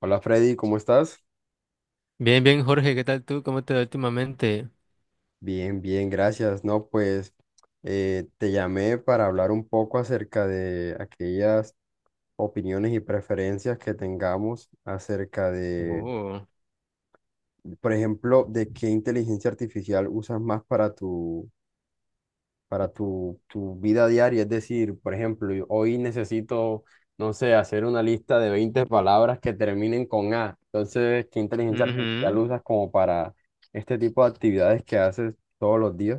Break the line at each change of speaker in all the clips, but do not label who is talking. Hola Freddy, ¿cómo estás?
Bien, bien, Jorge, ¿qué tal tú? ¿Cómo te va últimamente?
Bien, bien, gracias. No, pues te llamé para hablar un poco acerca de aquellas opiniones y preferencias que tengamos acerca de,
Oh,
por ejemplo, de qué inteligencia artificial usas más para tu vida diaria. Es decir, por ejemplo, yo hoy necesito, no sé, hacer una lista de 20 palabras que terminen con A. Entonces, ¿qué inteligencia artificial
ujú.
usas como para este tipo de actividades que haces todos los días?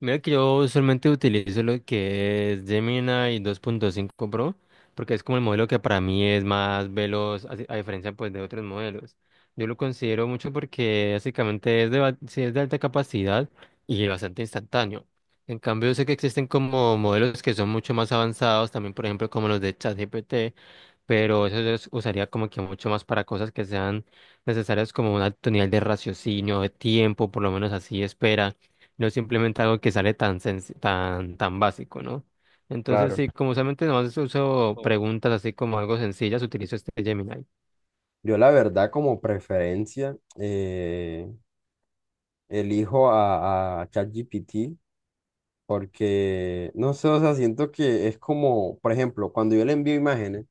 Mira que yo usualmente utilizo lo que es Gemini 2.5 Pro, porque es como el modelo que para mí es más veloz, a diferencia pues de otros modelos. Yo lo considero mucho porque básicamente es sí, es de alta capacidad y bastante instantáneo. En cambio, yo sé que existen como modelos que son mucho más avanzados, también por ejemplo como los de ChatGPT, pero eso yo usaría como que mucho más para cosas que sean necesarias como un alto nivel de raciocinio, de tiempo, por lo menos así espera, no simplemente algo que sale tan senc- tan tan básico, ¿no? Entonces
Claro.
sí, como solamente nomás uso
Oh,
preguntas así como algo sencillas, utilizo este Gemini.
yo la verdad como preferencia elijo a ChatGPT porque, no sé, o sea, siento que es como, por ejemplo, cuando yo le envío imágenes,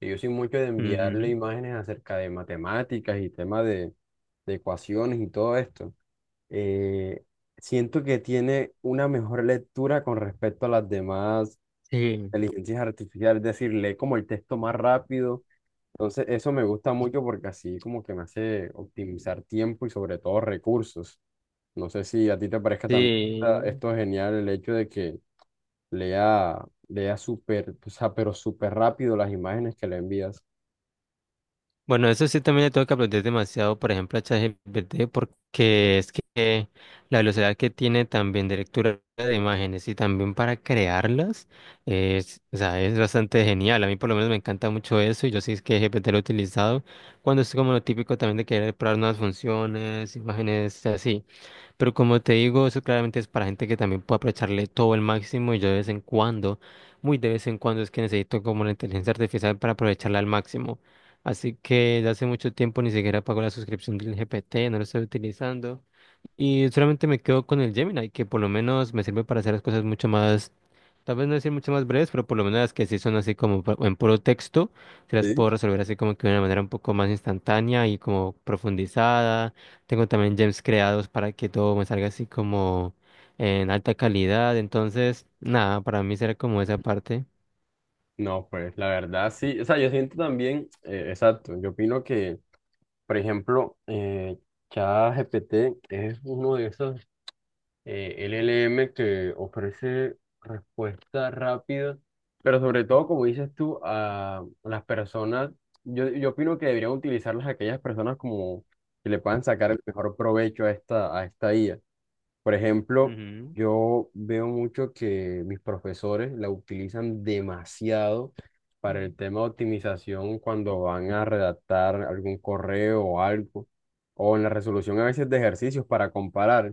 que yo soy mucho de enviarle
Ujú.
imágenes acerca de matemáticas y temas de ecuaciones y todo esto, eh, siento que tiene una mejor lectura con respecto a las demás
Sí,
inteligencias artificiales, es decir, lee como el texto más rápido. Entonces, eso me gusta mucho porque así como que me hace optimizar tiempo y sobre todo recursos. No sé si a ti te parezca también
sí.
esto genial, el hecho de que lea, lea súper, o sea, pero súper rápido las imágenes que le envías.
Bueno, eso sí también le tengo que aprender demasiado, por ejemplo, a ChatGPT, porque es que la velocidad que tiene también de lectura de imágenes y también para crearlas, es, o sea, es bastante genial. A mí por lo menos me encanta mucho eso y yo sí es que GPT lo he utilizado cuando es como lo típico también de querer probar nuevas funciones, imágenes así. Pero como te digo, eso claramente es para gente que también puede aprovecharle todo el máximo y yo de vez en cuando, muy de vez en cuando es que necesito como la inteligencia artificial para aprovecharla al máximo. Así que desde hace mucho tiempo ni siquiera pago la suscripción del GPT, no lo estoy utilizando. Y solamente me quedo con el Gemini, que por lo menos me sirve para hacer las cosas mucho más, tal vez no decir mucho más breves, pero por lo menos las que sí son así como en puro texto, se las
Sí.
puedo resolver así como que de una manera un poco más instantánea y como profundizada. Tengo también gems creados para que todo me salga así como en alta calidad. Entonces, nada, para mí será como esa parte.
No, pues la verdad sí. O sea, yo siento también, exacto, yo opino que, por ejemplo, ChatGPT es uno de esos LLM que ofrece respuesta rápida, pero sobre todo, como dices tú, a las personas, yo opino que deberían utilizarlas aquellas personas como que le puedan sacar el mejor provecho a esta IA. Por ejemplo,
Ujú.
yo veo mucho que mis profesores la utilizan demasiado para el tema de optimización cuando van a redactar algún correo o algo, o en la resolución a veces de ejercicios para comparar.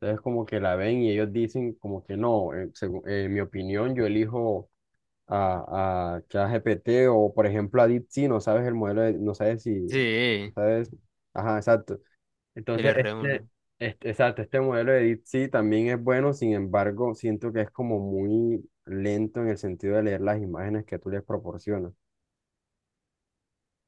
Entonces como que la ven y ellos dicen como que no, en mi opinión yo elijo a ChatGPT o por ejemplo a DeepSeek, no sabes el modelo, no sabes si, no
Sí,
sabes, ajá, exacto.
el
Entonces,
r uno
exacto, este modelo de DeepSeek también es bueno, sin embargo, siento que es como muy lento en el sentido de leer las imágenes que tú les proporcionas.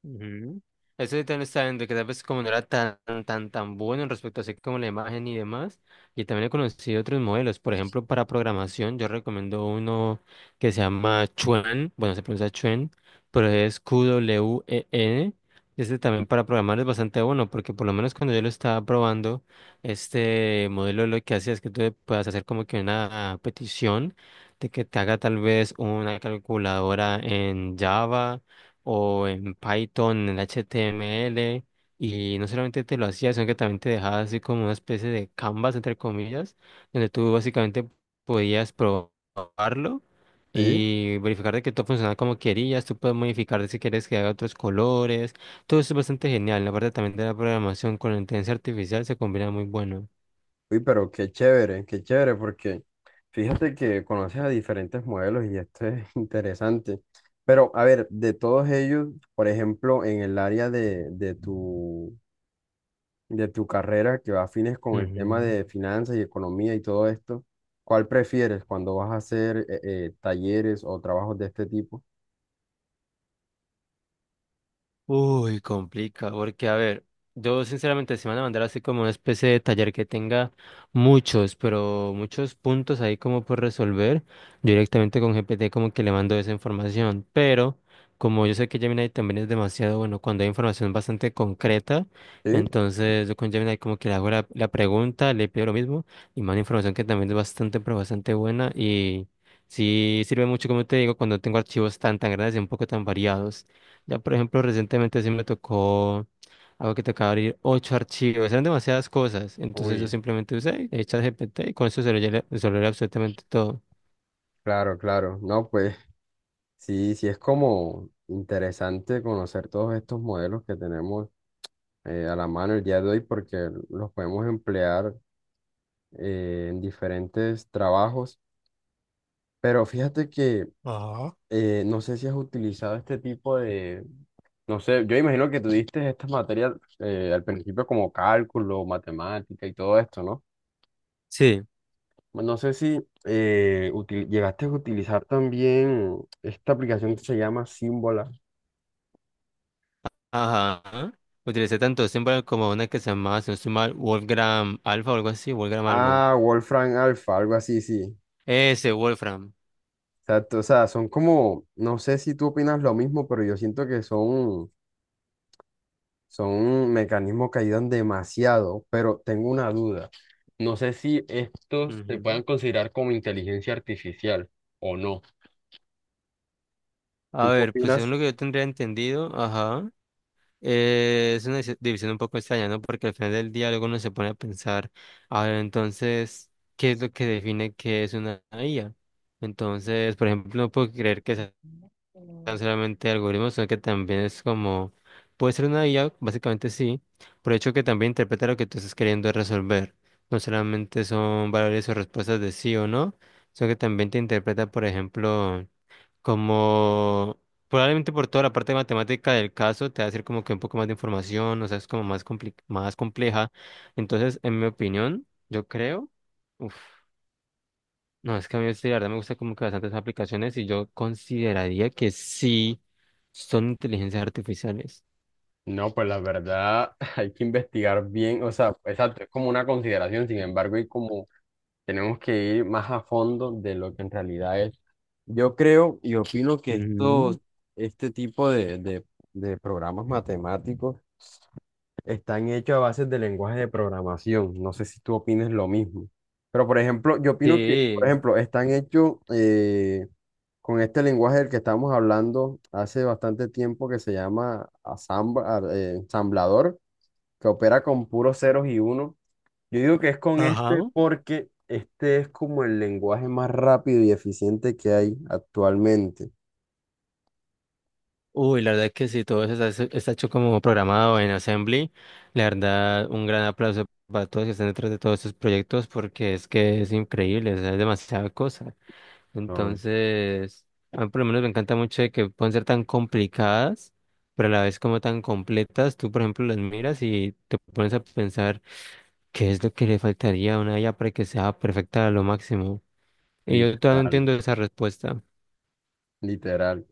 Ujú. Eso sí también está viendo que tal vez como no era tan, tan, tan bueno en respecto a así como la imagen y demás. Y también he conocido otros modelos. Por ejemplo, para programación, yo recomiendo uno que se llama Chuen. Bueno, se pronuncia Chuen, pero es Qwen. Este también para programar es bastante bueno, porque por lo menos cuando yo lo estaba probando, este modelo lo que hacía es que tú le puedas hacer como que una petición de que te haga tal vez una calculadora en Java o en Python, en HTML, y no solamente te lo hacía, sino que también te dejaba así como una especie de canvas, entre comillas, donde tú básicamente podías probarlo
Sí.
y verificar de que todo funcionaba como querías, tú puedes modificar de si quieres que haga otros colores, todo eso es bastante genial, la parte también de la programación con la inteligencia artificial se combina muy bueno.
Uy, pero qué chévere, porque fíjate que conoces a diferentes modelos y esto es interesante. Pero, a ver, de todos ellos, por ejemplo, en el área de tu carrera que va afines con el tema
Ujú.
de finanzas y economía y todo esto, ¿cuál prefieres cuando vas a hacer talleres o trabajos de este tipo?
Uy, complica, porque a ver, yo sinceramente se van a mandar así como una especie de taller que tenga muchos, pero muchos puntos ahí como por resolver, yo directamente con GPT como que le mando esa información, pero como yo sé que Gemini también es demasiado bueno cuando hay información bastante concreta,
¿Sí?
entonces yo con Gemini como que le hago la pregunta, le pido lo mismo y mando información que también es bastante, pero bastante buena y sí sirve mucho, como te digo, cuando tengo archivos tan, tan grandes y un poco tan variados. Ya, por ejemplo, recientemente sí me tocó algo que tocaba abrir ocho archivos, eran demasiadas cosas, entonces yo
Uy,
simplemente usé ChatGPT y con eso se lo llené- absolutamente todo.
claro, claro. No, pues sí, sí es como interesante conocer todos estos modelos que tenemos a la mano el día de hoy porque los podemos emplear en diferentes trabajos. Pero fíjate que
Ajá.
no sé si has utilizado este tipo de. No sé, yo imagino que tú diste estas materias al principio como cálculo, matemática y todo esto, ¿no?
Sí.
No sé si llegaste a utilizar también esta aplicación que se llama Symbola.
Ajá. Utilicé tanto símbolo como una que se llamaba, si no estoy mal, Wolfgram Alpha o algo así, Wolfgram algo.
Ah, Wolfram Alpha, algo así, sí.
Ese, Wolfram.
Exacto, o sea, son como, no sé si tú opinas lo mismo, pero yo siento que son mecanismos que ayudan demasiado, pero tengo una duda. No sé si estos se
Ujú.
puedan considerar como inteligencia artificial o no. ¿Tú
A
qué
ver, pues según
opinas?
lo que yo tendría entendido, ajá. Es una división un poco extraña, ¿no? Porque al final del día luego uno se pone a pensar, a ver, entonces, ¿qué es lo que define qué es una IA? Entonces, por ejemplo, no puedo creer que sean solamente algoritmos, sino que también es como, puede ser una IA, básicamente sí, por el hecho que también interpreta lo que tú estás queriendo resolver. No solamente son valores o respuestas de sí o no, sino que también te interpreta, por ejemplo, como probablemente por toda la parte matemática del caso te va a hacer como que un poco más de información, o sea, es como más más compleja. Entonces, en mi opinión, yo creo, uf, no, es que a mí sí, la verdad me gusta como que bastantes aplicaciones y yo consideraría que sí son inteligencias artificiales.
No, pues la verdad hay que investigar bien, o sea, exacto, es como una consideración, sin embargo, y como tenemos que ir más a fondo de lo que en realidad es. Yo creo y opino que
Ujú.
esto, este tipo de programas matemáticos están hechos a bases de lenguaje de programación. No sé si tú opines lo mismo. Pero, por ejemplo, yo opino que, por
Sí,
ejemplo, están hechos con este lenguaje del que estamos hablando hace bastante tiempo que se llama ensamblador, que opera con puros ceros y unos. Yo digo que es con este
ajá.
porque este es como el lenguaje más rápido y eficiente que hay actualmente.
Uy, la verdad que sí, todo eso está hecho como programado en Assembly. La verdad, un gran aplauso para todos que están detrás de todos estos proyectos porque es que es increíble, o sea, es demasiada cosa.
No,
Entonces, a mí por lo menos me encanta mucho de que pueden ser tan complicadas, pero a la vez como tan completas. Tú, por ejemplo, las miras y te pones a pensar qué es lo que le faltaría a una IA para que sea perfecta a lo máximo. Y yo todavía no
literal,
entiendo esa respuesta.
literal.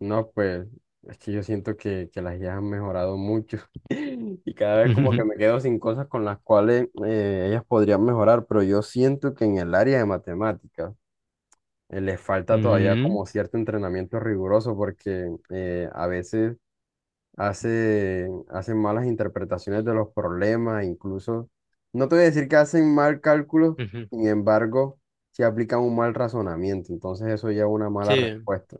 No, pues es que yo siento que las IAs han mejorado mucho y cada vez como que me quedo sin cosas con las cuales ellas podrían mejorar, pero yo siento que en el área de matemáticas les falta todavía
Ujú,
como cierto entrenamiento riguroso porque a veces hacen malas interpretaciones de los problemas, incluso, no te voy a decir que hacen mal cálculos,
ujú.
sin embargo, si aplican un mal razonamiento, entonces eso lleva a una mala
Sí.
respuesta.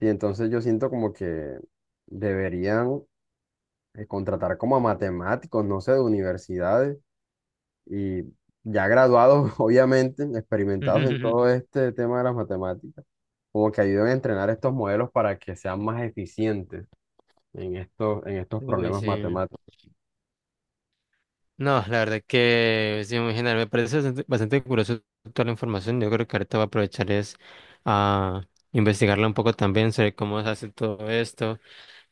Y entonces yo siento como que deberían contratar como a matemáticos, no sé, de universidades y ya graduados, obviamente, experimentados en todo este tema de las matemáticas, como que ayuden a entrenar estos modelos para que sean más eficientes en estos
Uy,
problemas
sí.
matemáticos.
No, la verdad que sí, muy genial. Me parece bastante, bastante curioso toda la información. Yo creo que ahorita voy a aprovechar es a investigarla un poco también sobre cómo se hace todo esto.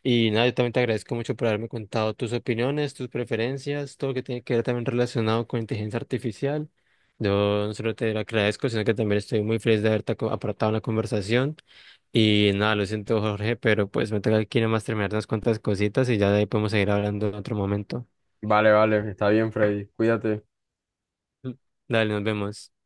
Y nada, yo también te agradezco mucho por haberme contado tus opiniones, tus preferencias, todo lo que tiene que ver también relacionado con inteligencia artificial. Yo no solo te lo agradezco, sino que también estoy muy feliz de haberte aportado en la conversación. Y nada, lo siento, Jorge, pero pues me tengo que ir nomás terminar unas cuantas cositas y ya de ahí podemos seguir hablando en otro momento.
Vale, vale, está bien, Freddy, cuídate.
Dale, nos vemos.